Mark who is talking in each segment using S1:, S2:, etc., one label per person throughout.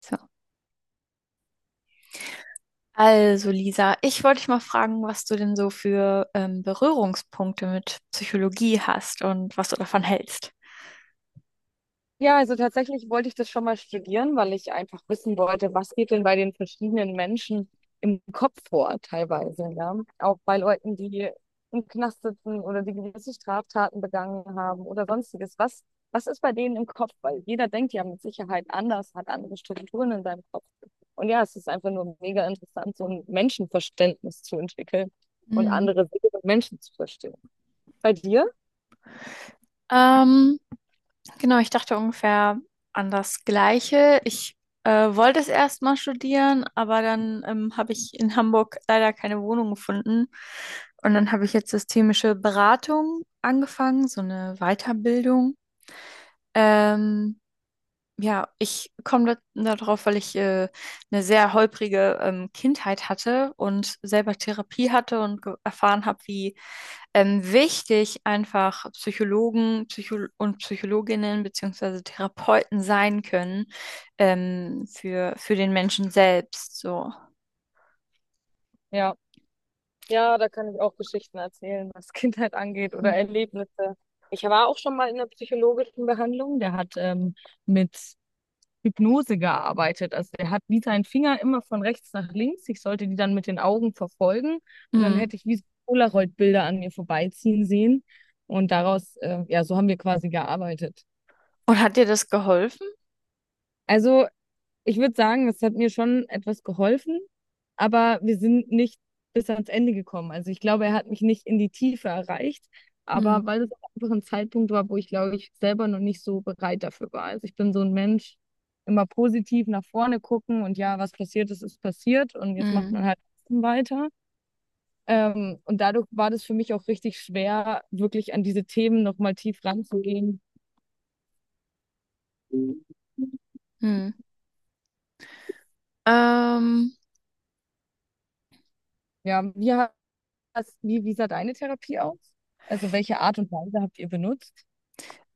S1: So. Also, Lisa, ich wollte dich mal fragen, was du denn so für Berührungspunkte mit Psychologie hast und was du davon hältst.
S2: Ja, also tatsächlich wollte ich das schon mal studieren, weil ich einfach wissen wollte, was geht denn bei den verschiedenen Menschen im Kopf vor, teilweise, ja. Auch bei Leuten, die im Knast sitzen oder die gewisse Straftaten begangen haben oder sonstiges. Was ist bei denen im Kopf? Weil jeder denkt ja mit Sicherheit anders, hat andere Strukturen in seinem Kopf. Und ja, es ist einfach nur mega interessant, so ein Menschenverständnis zu entwickeln und
S1: Mhm.
S2: andere Wege von Menschen zu verstehen. Bei dir?
S1: Ähm, genau, ich dachte ungefähr an das Gleiche. Ich wollte es erst mal studieren, aber dann habe ich in Hamburg leider keine Wohnung gefunden. Und dann habe ich jetzt systemische Beratung angefangen, so eine Weiterbildung. Ähm, Ja, ich darauf, weil ich eine sehr holprige Kindheit hatte und selber Therapie hatte und erfahren habe, wie wichtig einfach Psychologen Psycho und Psychologinnen beziehungsweise Therapeuten sein können, für den Menschen selbst. So.
S2: Ja. Ja, da kann ich auch Geschichten erzählen, was Kindheit angeht oder
S1: Mhm.
S2: Erlebnisse. Ich war auch schon mal in der psychologischen Behandlung. Der hat mit Hypnose gearbeitet. Also der hat wie seinen Finger immer von rechts nach links. Ich sollte die dann mit den Augen verfolgen und dann
S1: Mhm.
S2: hätte ich wie so Polaroid-Bilder an mir vorbeiziehen sehen. Und daraus, ja, so haben wir quasi gearbeitet.
S1: Und hat dir das geholfen?
S2: Also, ich würde sagen, es hat mir schon etwas geholfen, aber wir sind nicht bis ans Ende gekommen. Also ich glaube, er hat mich nicht in die Tiefe erreicht,
S1: Mhm.
S2: aber weil es auch einfach ein Zeitpunkt war, wo ich, glaube ich, selber noch nicht so bereit dafür war. Also ich bin so ein Mensch, immer positiv nach vorne gucken und ja, was passiert ist, ist passiert und jetzt macht
S1: Mhm.
S2: man halt trotzdem weiter. Und dadurch war das für mich auch richtig schwer, wirklich an diese Themen nochmal tief ranzugehen.
S1: Mhm. Ähm,
S2: Ja, wir wie sah deine Therapie aus? Also welche Art und Weise habt ihr benutzt?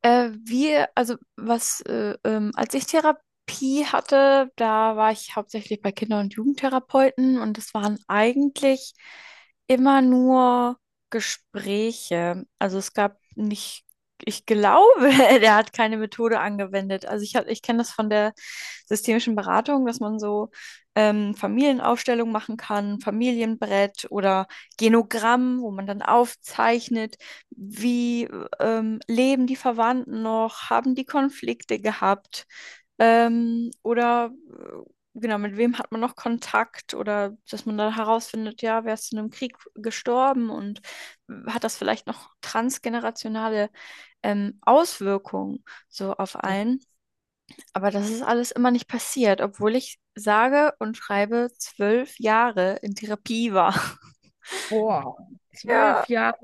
S1: Wir, als ich Therapie hatte, da war ich hauptsächlich bei Kinder- und Jugendtherapeuten, und es waren eigentlich immer nur Gespräche. Also es gab nicht, ich glaube, der hat keine Methode angewendet. Also ich kenne das von der systemischen Beratung, dass man so Familienaufstellung machen kann, Familienbrett oder Genogramm, wo man dann aufzeichnet, wie leben die Verwandten noch, haben die Konflikte gehabt, oder genau, mit wem hat man noch Kontakt, oder dass man dann herausfindet, ja, wer ist in einem Krieg gestorben und hat das vielleicht noch transgenerationale Auswirkungen so auf einen. Aber das ist alles immer nicht passiert, obwohl ich sage und schreibe zwölf Jahre in Therapie war.
S2: Boah,
S1: Ja,
S2: 12 Jahre,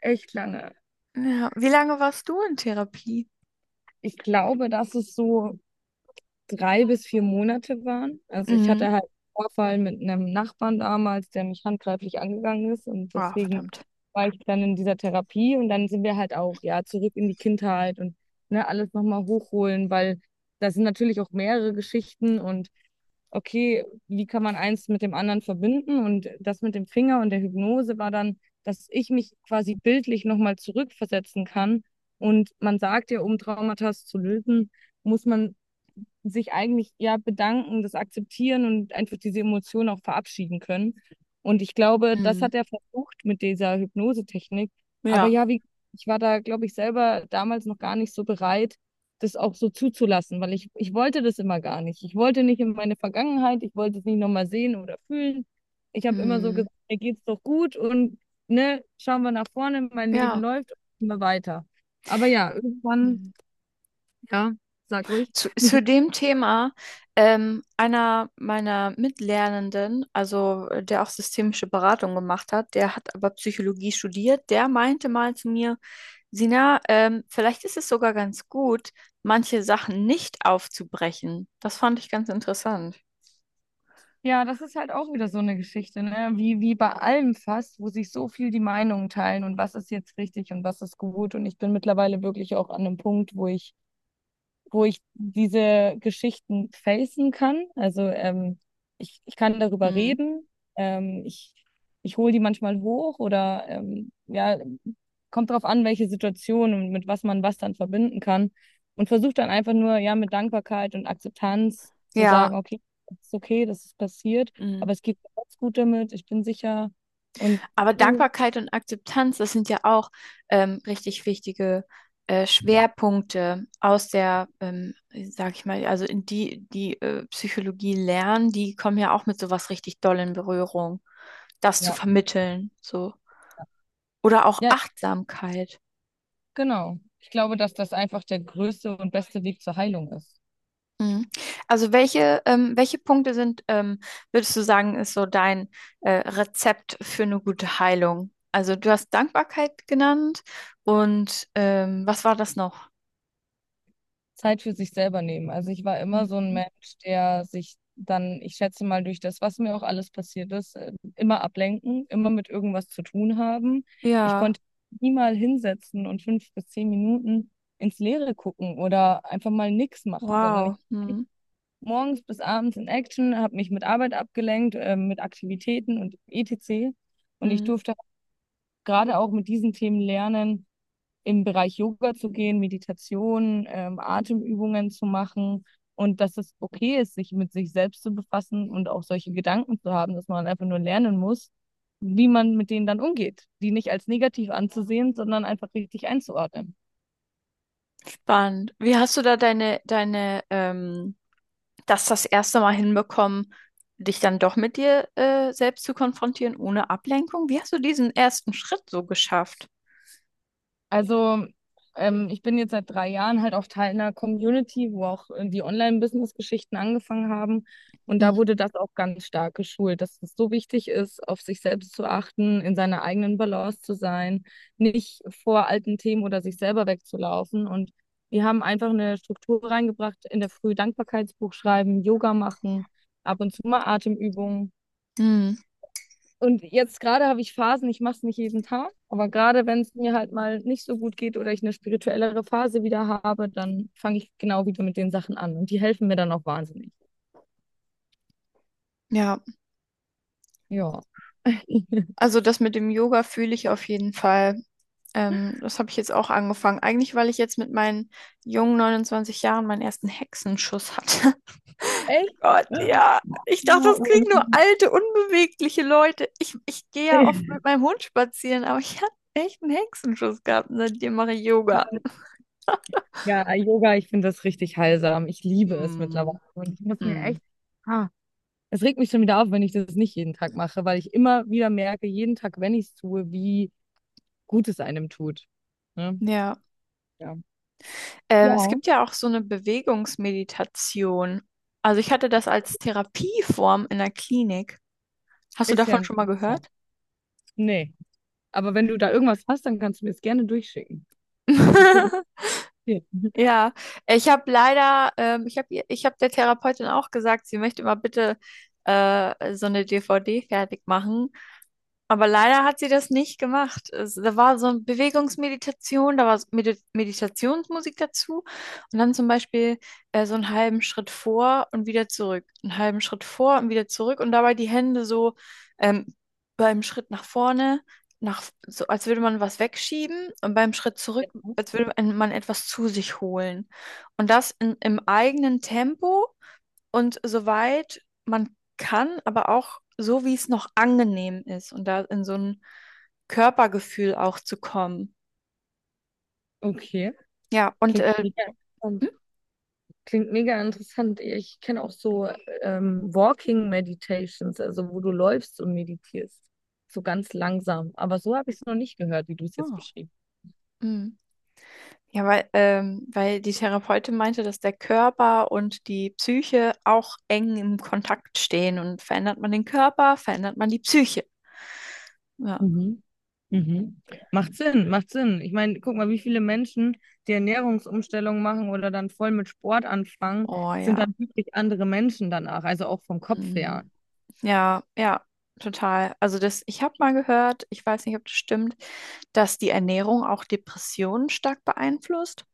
S2: echt lange.
S1: ja. Wie lange warst du in Therapie?
S2: Ich glaube, das ist so 3 bis 4 Monate waren. Also ich
S1: Mhm.
S2: hatte halt einen Vorfall mit einem Nachbarn damals, der mich handgreiflich angegangen ist und
S1: Ah,
S2: deswegen
S1: verdammt.
S2: war ich dann in dieser Therapie und dann sind wir halt auch ja zurück in die Kindheit und ne, alles nochmal hochholen, weil das sind natürlich auch mehrere Geschichten und okay, wie kann man eins mit dem anderen verbinden? Und das mit dem Finger und der Hypnose war dann, dass ich mich quasi bildlich nochmal zurückversetzen kann. Und man sagt ja, um Traumata zu lösen, muss man sich eigentlich ja bedanken, das akzeptieren und einfach diese Emotionen auch verabschieden können. Und ich glaube, das
S1: Mhm.
S2: hat er versucht mit dieser Hypnosetechnik. Aber
S1: Ja.
S2: ja, wie, ich war da, glaube ich, selber damals noch gar nicht so bereit, das auch so zuzulassen, weil ich wollte das immer gar nicht. Ich wollte nicht in meine Vergangenheit, ich wollte es nicht nochmal sehen oder fühlen. Ich habe immer so
S1: Hm.
S2: gesagt, mir geht's doch gut und ne, schauen wir nach vorne, mein Leben
S1: Ja.
S2: läuft immer weiter. Aber ja, irgendwann,
S1: Hm.
S2: ja, sag ruhig.
S1: Zu dem Thema, einer meiner Mitlernenden, der auch systemische Beratung gemacht hat, der hat aber Psychologie studiert, der meinte mal zu mir: Sina, vielleicht ist es sogar ganz gut, manche Sachen nicht aufzubrechen. Das fand ich ganz interessant.
S2: Ja, das ist halt auch wieder so eine Geschichte, ne? Wie bei allem fast, wo sich so viel die Meinungen teilen und was ist jetzt richtig und was ist gut. Und ich bin mittlerweile wirklich auch an einem Punkt, wo ich diese Geschichten facen kann. Also ich kann darüber
S1: Hm.
S2: reden. Ähm, ich ich hole die manchmal hoch oder ja, kommt drauf an, welche Situation und mit was man was dann verbinden kann. Und versuche dann einfach nur, ja, mit Dankbarkeit und Akzeptanz zu
S1: Ja,
S2: sagen, okay, es ist okay, das ist passiert,
S1: hm.
S2: aber es geht mir ganz gut damit, ich bin sicher. Und
S1: Aber
S2: so,
S1: Dankbarkeit und Akzeptanz, das sind ja auch richtig wichtige Schwerpunkte aus der sag ich mal, also in die, die Psychologie lernen, die kommen ja auch mit sowas richtig doll in Berührung, das zu
S2: ja,
S1: vermitteln, so. Oder auch
S2: ja,
S1: Achtsamkeit.
S2: genau. Ich glaube, dass das einfach der größte und beste Weg zur Heilung ist.
S1: Mhm. Also welche, welche Punkte sind, würdest du sagen, ist so dein Rezept für eine gute Heilung? Also du hast Dankbarkeit genannt, und was war das noch?
S2: Zeit für sich selber nehmen. Also ich war immer so ein
S1: Mhm.
S2: Mensch, der sich dann, ich schätze mal, durch das, was mir auch alles passiert ist, immer ablenken, immer mit irgendwas zu tun haben. Ich
S1: Ja,
S2: konnte nie mal hinsetzen und 5 bis 10 Minuten ins Leere gucken oder einfach mal nichts machen, sondern ich
S1: wow.
S2: war
S1: Hm.
S2: morgens bis abends in Action, habe mich mit Arbeit abgelenkt, mit Aktivitäten und etc. Und ich
S1: Hm.
S2: durfte gerade auch mit diesen Themen lernen, im Bereich Yoga zu gehen, Meditation, Atemübungen zu machen und dass es okay ist, sich mit sich selbst zu befassen und auch solche Gedanken zu haben, dass man einfach nur lernen muss, wie man mit denen dann umgeht, die nicht als negativ anzusehen, sondern einfach richtig einzuordnen.
S1: Spannend. Wie hast du da deine das erste Mal hinbekommen, dich dann doch mit dir selbst zu konfrontieren, ohne Ablenkung? Wie hast du diesen ersten Schritt so geschafft?
S2: Also, ich bin jetzt seit 3 Jahren halt auch Teil einer Community, wo auch die Online-Business-Geschichten angefangen haben. Und
S1: Mhm.
S2: da wurde das auch ganz stark geschult, dass es so wichtig ist, auf sich selbst zu achten, in seiner eigenen Balance zu sein, nicht vor alten Themen oder sich selber wegzulaufen. Und wir haben einfach eine Struktur reingebracht, in der Früh Dankbarkeitsbuch schreiben, Yoga machen, ab und zu mal Atemübungen.
S1: Hm.
S2: Und jetzt gerade habe ich Phasen, ich mache es nicht jeden Tag, aber gerade wenn es mir halt mal nicht so gut geht oder ich eine spirituellere Phase wieder habe, dann fange ich genau wieder mit den Sachen an. Und die helfen mir dann auch wahnsinnig.
S1: Ja,
S2: Ja.
S1: also das mit dem Yoga fühle ich auf jeden Fall. Das habe ich jetzt auch angefangen. Eigentlich, weil ich jetzt mit meinen jungen 29 Jahren meinen ersten Hexenschuss hatte.
S2: Echt?
S1: Gott, ja. Ich dachte,
S2: Ja,
S1: das kriegen nur alte, unbewegliche Leute. Ich gehe ja oft mit meinem Hund spazieren, aber ich habe echt einen Hexenschuss gehabt, und seitdem mache ich Yoga.
S2: ja, Yoga, ich finde das richtig heilsam. Ich liebe es mittlerweile.
S1: Hm.
S2: Und ich muss mir
S1: Hm.
S2: echt, ah, es regt mich schon wieder auf, wenn ich das nicht jeden Tag mache, weil ich immer wieder merke, jeden Tag, wenn ich es tue, wie gut es einem tut. Ne?
S1: Ja,
S2: Ja. Ja.
S1: es gibt ja auch so eine Bewegungsmeditation. Also ich hatte das als Therapieform in der Klinik. Hast du
S2: Ist ja
S1: davon schon mal
S2: interessant.
S1: gehört?
S2: Nee. Aber wenn du da irgendwas hast, dann kannst du mir es gerne durchschicken. Das würde mich interessieren.
S1: Ja, ich habe leider, ich hab der Therapeutin auch gesagt, sie möchte mal bitte so eine DVD fertig machen. Aber leider hat sie das nicht gemacht. Es, da war so eine Bewegungsmeditation, da war so Meditationsmusik dazu, und dann zum Beispiel so einen halben Schritt vor und wieder zurück, einen halben Schritt vor und wieder zurück, und dabei die Hände so, ähm, beim Schritt nach vorne, nach, so als würde man was wegschieben, und beim Schritt zurück,
S2: Ja.
S1: als würde man etwas zu sich holen. Und das im eigenen Tempo und soweit man kann, aber auch so, wie es noch angenehm ist, und da in so ein Körpergefühl auch zu kommen.
S2: Okay.
S1: Ja, und
S2: Klingt mega
S1: hm?
S2: interessant. Klingt mega interessant. Ich kenne auch so Walking Meditations, also wo du läufst und meditierst. So ganz langsam. Aber so habe ich es noch nicht gehört, wie du es jetzt
S1: Oh.
S2: beschrieben
S1: Mm. Ja, weil, weil die Therapeutin meinte, dass der Körper und die Psyche auch eng im Kontakt stehen, und verändert man den Körper, verändert man die Psyche. Ja.
S2: hast. Mhm. Macht Sinn, macht Sinn. Ich meine, guck mal, wie viele Menschen die Ernährungsumstellung machen oder dann voll mit Sport anfangen,
S1: Oh
S2: sind
S1: ja.
S2: dann wirklich andere Menschen danach, also auch vom Kopf
S1: Mm.
S2: her.
S1: Ja, ja, total. Also das, ich habe mal gehört, ich weiß nicht, ob das stimmt, dass die Ernährung auch Depressionen stark beeinflusst.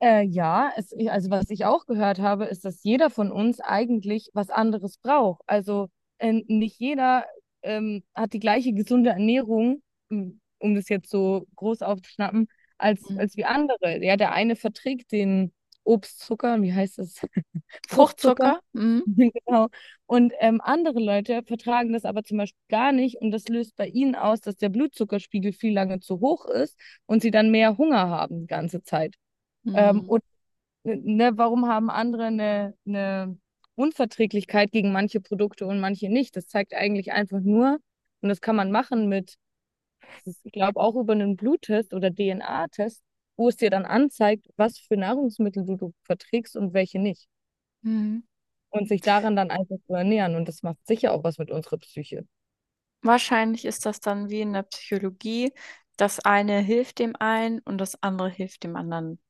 S2: Ja, es, also was ich auch gehört habe, ist, dass jeder von uns eigentlich was anderes braucht. Also nicht jeder hat die gleiche gesunde Ernährung, um das jetzt so groß aufzuschnappen, als,
S1: Mhm.
S2: als wie andere. Ja, der eine verträgt den Obstzucker, wie heißt es? Fruchtzucker.
S1: Fruchtzucker. Mhm.
S2: Genau. Und andere Leute vertragen das aber zum Beispiel gar nicht und das löst bei ihnen aus, dass der Blutzuckerspiegel viel lange zu hoch ist und sie dann mehr Hunger haben die ganze Zeit. Ähm,
S1: Mhm.
S2: ne, warum haben andere eine Unverträglichkeit gegen manche Produkte und manche nicht? Das zeigt eigentlich einfach nur, und das kann man machen mit, das ist, ich glaube, auch über einen Bluttest oder DNA-Test, wo es dir dann anzeigt, was für Nahrungsmittel du verträgst und welche nicht.
S1: Mhm.
S2: Und sich daran dann einfach zu ernähren. Und das macht sicher auch was mit unserer Psyche.
S1: Wahrscheinlich ist das dann wie in der Psychologie: Das eine hilft dem einen und das andere hilft dem anderen.